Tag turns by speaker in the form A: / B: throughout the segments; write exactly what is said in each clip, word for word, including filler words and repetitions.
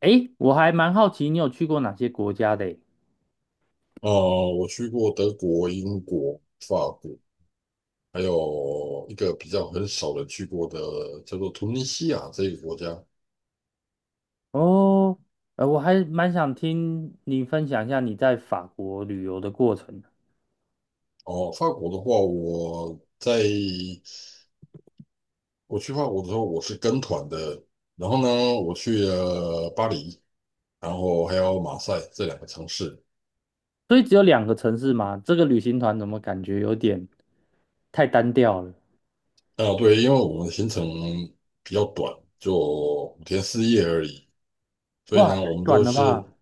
A: 诶，我还蛮好奇你有去过哪些国家的诶？
B: 呃，我去过德国、英国、法国，还有一个比较很少人去过的叫做突尼西亚这个国家。
A: 哦，呃，我还蛮想听你分享一下你在法国旅游的过程。
B: 哦，法国的话，我在我去法国的时候，我是跟团的，然后呢，我去了巴黎，然后还有马赛这两个城市。
A: 所以只有两个城市吗？这个旅行团怎么感觉有点太单调了？
B: 啊，对，因为我们的行程比较短，就五天四夜而已，所以
A: 哇，
B: 呢，
A: 太
B: 我们
A: 短
B: 就
A: 了吧？
B: 是，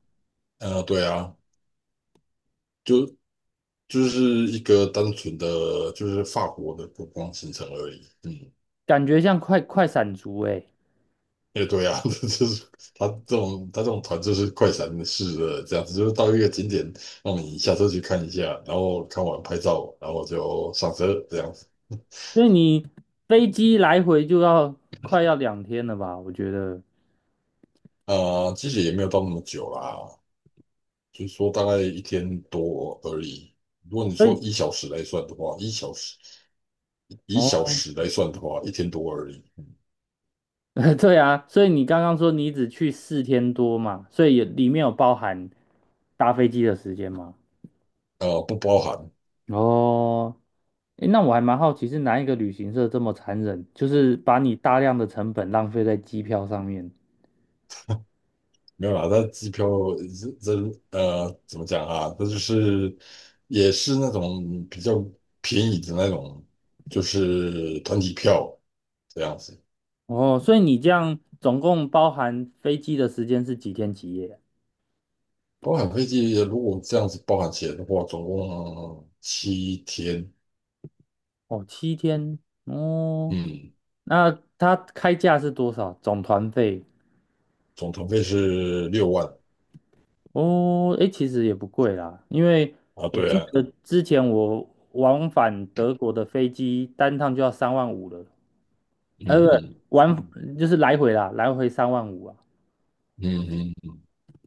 B: 呃，对啊。就就是一个单纯的就是法国的观光行程而已。嗯，
A: 感觉像快快闪族诶。
B: 也对啊，就是他这种他这种团就是快闪式的这样子，就是到一个景点让你下车去看一下，然后看完拍照，然后就上车这样子。
A: 所以你飞机来回就要快要两天了吧？我觉得。
B: 啊、其实也没有到那么久啦，就是说大概一天多而已。如果你
A: 所
B: 说
A: 以
B: 一小时来算的话，一小时一小
A: 哦，
B: 时来算的话，一天多而已。
A: 对啊，所以你刚刚说你只去四天多嘛，所以也里面有包含搭飞机的时间吗？
B: 呃，不包含。
A: 哦，诶，那我还蛮好奇，是哪一个旅行社这么残忍，就是把你大量的成本浪费在机票上面？
B: 没有啦，它机票这这呃怎么讲啊？它就是也是那种比较便宜的那种，就是团体票这样子，
A: 哦，所以你这样总共包含飞机的时间是几天几夜？
B: 包含飞机。如果这样子包含起来的话，总共七天，
A: 哦，七天。哦，
B: 嗯，
A: 那它开价是多少？总团费？
B: 总团费是六万
A: 哦，诶，其实也不贵啦，因为
B: 啊。
A: 我
B: 对
A: 记
B: 啊，
A: 得之前我往返德国的飞机单趟就要三万五了，呃，
B: 嗯
A: 不，
B: 嗯
A: 往就是来回啦，来回三万五啊。
B: 嗯嗯嗯。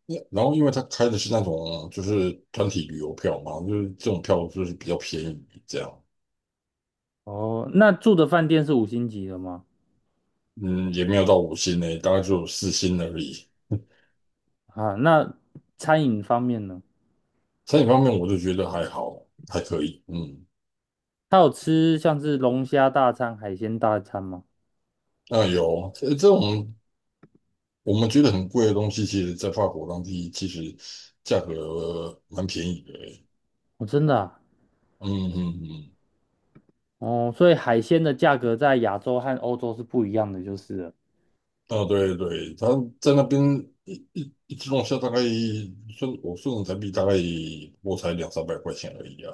B: 也然后因为他开的是那种就是团体旅游票嘛，就是这种票就是比较便宜这样。
A: 哦，那住的饭店是五星级的吗？
B: 嗯，也没有到五星呢，大概就四星而已。
A: 啊，那餐饮方面呢？
B: 餐饮方面，我就觉得还好，还可以。嗯，
A: 他有吃像是龙虾大餐、海鲜大餐吗？
B: 那有这这种我们觉得很贵的东西，其实在法国当地其实价格蛮便宜的欸。
A: 哦，真的啊。
B: 嗯嗯嗯，
A: 哦，所以海鲜的价格在亚洲和欧洲是不一样的，就是了。
B: 啊对对，他在那边一一一只龙虾大概算我算人民币大概我才两三百块钱而已啊，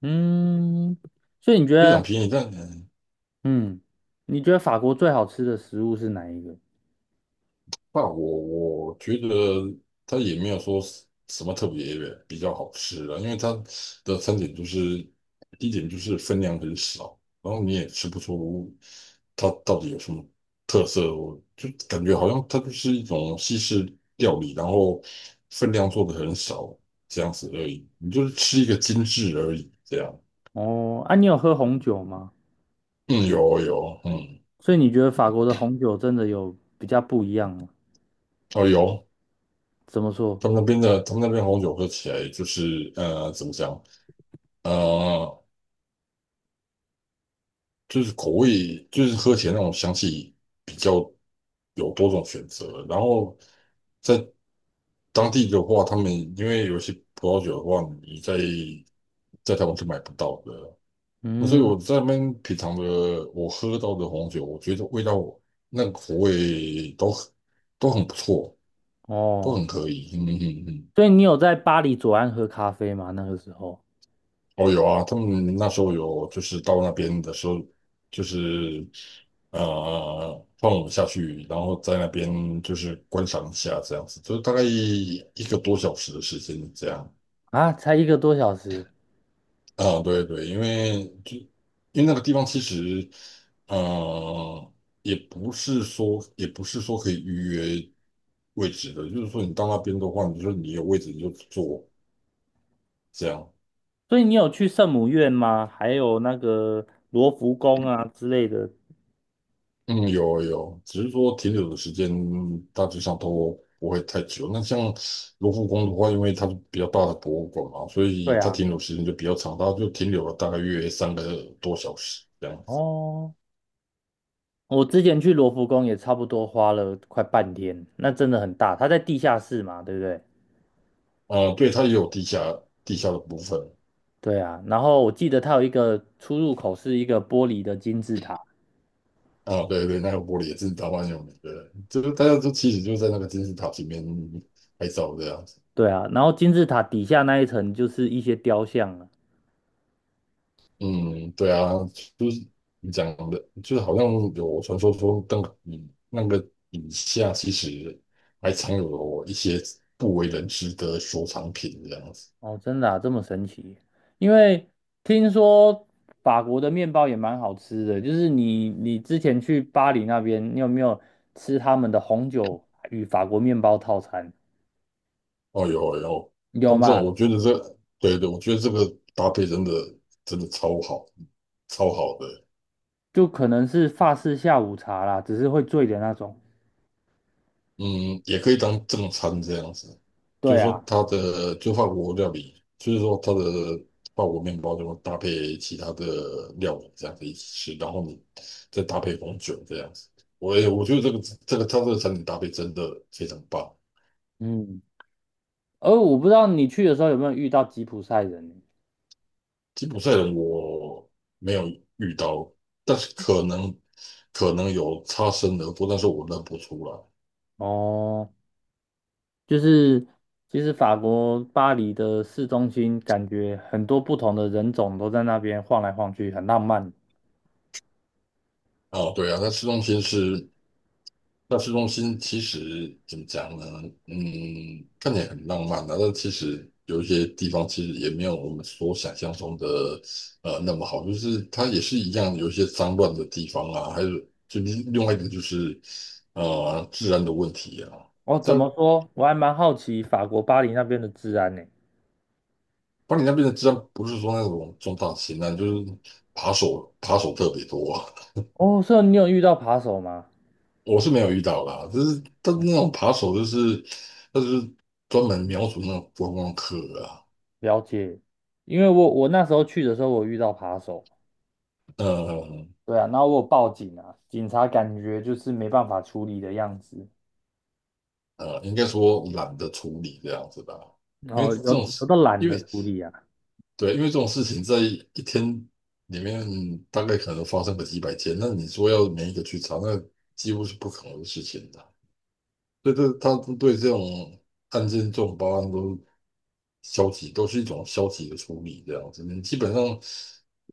A: 嗯，所以你觉
B: 非常
A: 得，
B: 便宜。但
A: 嗯，你觉得法国最好吃的食物是哪一个？
B: 那我我觉得它也没有说是什么特别比较好吃的，因为它的餐点就是第一点就是分量很少，然后你也吃不出它到底有什么特色，我就感觉好像它就是一种西式料理，然后分量做的很少这样子而已，你就是吃一个精致而已这样。
A: 哦，啊，你有喝红酒吗？
B: 嗯，有有，嗯，
A: 所以你觉得法国的红酒真的有比较不一样吗？
B: 哦有，
A: 怎么说？
B: 他们那边的他们那边红酒喝起来就是呃怎么讲？呃就是口味，就是喝起来那种香气比较有多种选择。然后在当地的话，他们因为有些葡萄酒的话，你在在台湾是买不到的。那所以
A: 嗯，
B: 我在那边品尝的，我喝到的红酒，我觉得味道那个口味都很都很不错，都
A: 哦。
B: 很可以。嗯嗯嗯。
A: 所以你有在巴黎左岸喝咖啡吗？那个时候
B: 哦，有啊，他们那时候有，就是到那边的时候，就是呃，放我们下去，然后在那边就是观赏一下，这样子，就是大概一个多小时的时间这样。
A: 啊，才一个多小时。
B: 啊、对对，因为就因为那个地方其实，呃，也不是说也不是说可以预约位置的，就是说你到那边的话，你就说你有位置你就坐这样。
A: 所以你有去圣母院吗？还有那个罗浮宫啊之类的。
B: 嗯，有有，只是说停留的时间大致上都不会太久。那像卢浮宫的话，因为它是比较大的博物馆嘛，所以
A: 对
B: 它
A: 啊，
B: 停留时间就比较长，它就停留了大概约三个多小时这样子。
A: 哦，我之前去罗浮宫也差不多花了快半天，那真的很大。它在地下室嘛，对不对？
B: 啊、对，它也有地下地下的部分。
A: 对啊，然后我记得它有一个出入口是一个玻璃的金字塔，
B: 啊、对对，那个玻璃也是台湾有名的，对，就是大家就其实就在那个金字塔前面拍照这样子。
A: 对啊，然后金字塔底下那一层就是一些雕像了。
B: 嗯，对啊，就是你讲的，就是好像有传说说那个底那个以下其实还藏有一些不为人知的收藏品这样子。
A: 哦，真的啊，这么神奇？因为听说法国的面包也蛮好吃的，就是你你之前去巴黎那边，你有没有吃他们的红酒与法国面包套餐？
B: 哦呦哦呦，他
A: 有
B: 们这种
A: 嘛？
B: 我觉得这，对对，我觉得这个搭配真的真的超好，超好的。
A: 就可能是法式下午茶啦，只是会醉的那种。
B: 嗯，也可以当正餐这样子，就
A: 对
B: 是说
A: 啊，
B: 它的就法国料理，就是说它的法国面包就会搭配其他的料理这样子一起吃，然后你再搭配红酒这样子。我也我觉得这个这个它这个餐点搭配真的非常棒。
A: 嗯，而我不知道你去的时候有没有遇到吉普赛人。
B: 吉普赛人我没有遇到，但是可能可能有擦身而过，但是我认不出来。
A: 哦，就是其实法国巴黎的市中心，感觉很多不同的人种都在那边晃来晃去，很浪漫。
B: 啊，对啊，那市中心是那市中心其实怎么讲呢？嗯，看起来很浪漫的，但其实有一些地方其实也没有我们所想象中的呃那么好，就是它也是一样有一些脏乱的地方啊，还有就另另外一个就是呃治安的问题啊。
A: 哦，怎
B: 在
A: 么说？我还蛮好奇法国巴黎那边的治安呢。
B: 巴黎那边的治安不是说那种重大型案，就是扒手扒手特别多啊。
A: 哦，所以你有遇到扒手吗？
B: 我是没有遇到啦，就是但是那种扒手就是他就是专门瞄准那种观光客啊。
A: 了解，因为我我那时候去的时候，我遇到扒手。
B: 呃
A: 对啊，然后我有报警啊，警察感觉就是没办法处理的样子，
B: 呃，应该说懒得处理这样子吧，
A: 然
B: 因为
A: 后
B: 这
A: 有
B: 种
A: 有
B: 事，
A: 的懒
B: 因
A: 得
B: 为
A: 处理啊。
B: 对，因为这种事情在一天里面大概可能发生个几百件，那你说要每一个去查，那几乎是不可能的事情的。所以这他们对这种案件、这种报案都消极，都是一种消极的处理这样子。你基本上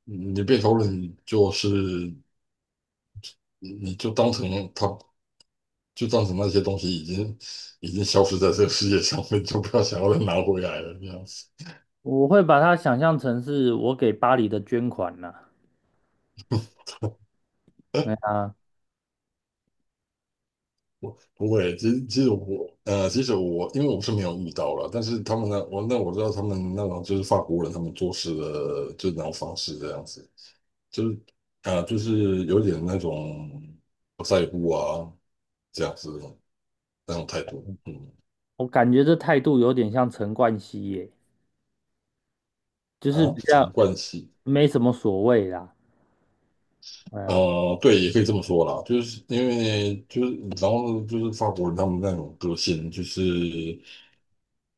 B: 嗯你被投了，你就是你就当成他就造成那些东西已经已经消失在这个世界上面，我就不要想要再拿回来了这样子。
A: 我会把它想象成是我给巴黎的捐款呐、对 啊，
B: 我不会，其实其实我呃，其实我因为我是没有遇到了，但是他们呢，我那我知道他们那种就是法国人他们做事的就那种方式这样子，就是啊、呃就是有点那种不在乎啊这样子的那种态度。嗯
A: 我感觉这态度有点像陈冠希耶，就是
B: 啊，
A: 比
B: 什么
A: 较
B: 关系？
A: 没什么所谓啦。对啊，
B: 呃，对，也可以这么说啦，就是因为就是然后就是法国人他们那种个性就是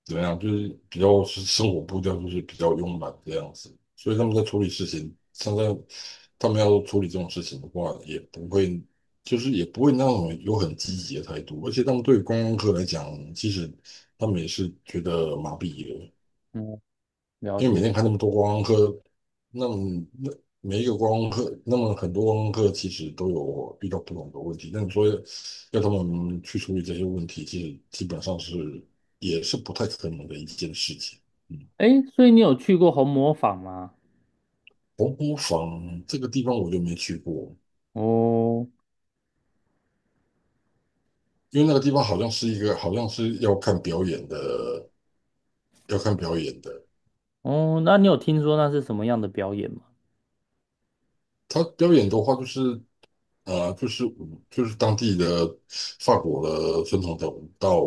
B: 怎么样，就是比较是生活步调就是比较慵懒这样子，所以他们在处理事情，像在他们要处理这种事情的话，也不会就是也不会那种有很积极的态度，而且他们对观光客来讲，其实他们也是觉得麻痹了，
A: 嗯，了
B: 因为每
A: 解。
B: 天看那么多观光客，那么那每一个观光客，那么很多观光客其实都有遇到不同的问题，那你说要他们去处理这些问题，其实基本上是也是不太可能的一件事情。嗯，
A: 诶，所以你有去过红磨坊吗？
B: 黄埔坊这个地方我就没去过，
A: 哦
B: 因为那个地方好像是一个好像是要看表演的，要看表演的。
A: 哦，那你有听说那是什么样的表演吗？
B: 他表演的话，就是呃，就是就是当地的法国的传统的舞蹈，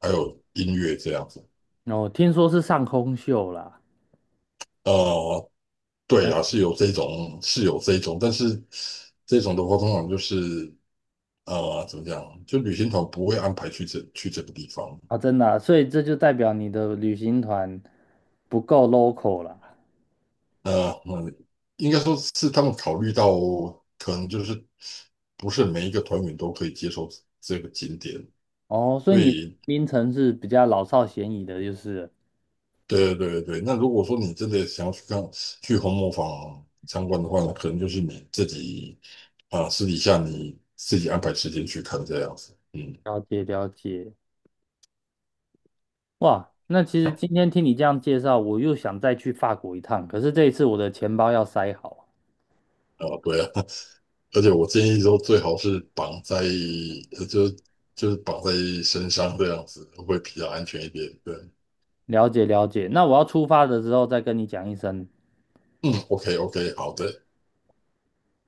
B: 还有音乐这样子。
A: 哦，听说是上空秀啦。
B: 呃，
A: 哎，
B: 对啊，是有这种，是有这种，但是这种的话，通常就是呃，怎么讲，就旅行团不会安排去这去这个地方。
A: 啊，真的啊，所以这就代表你的旅行团不够 local 啦。
B: 呃，嗯，应该说是他们考虑到，可能就是不是每一个团员都可以接受这个景点，
A: 哦，所以
B: 所
A: 你的
B: 以
A: 槟城是比较老少咸宜的，就是了。
B: 对对对，那如果说你真的想要去看去红磨坊参观的话，呢，可能就是你自己啊、私底下你自己安排时间去看这样子。嗯，
A: 了解了解。哇，那其实今天听你这样介绍，我又想再去法国一趟，可是这一次我的钱包要塞好。
B: 啊，对啊，而且我建议说最好是绑在呃就就是绑在身上这样子会比较安全一点。对，
A: 了解了解，那我要出发的时候再跟你讲一声。
B: 嗯，OK OK，好的。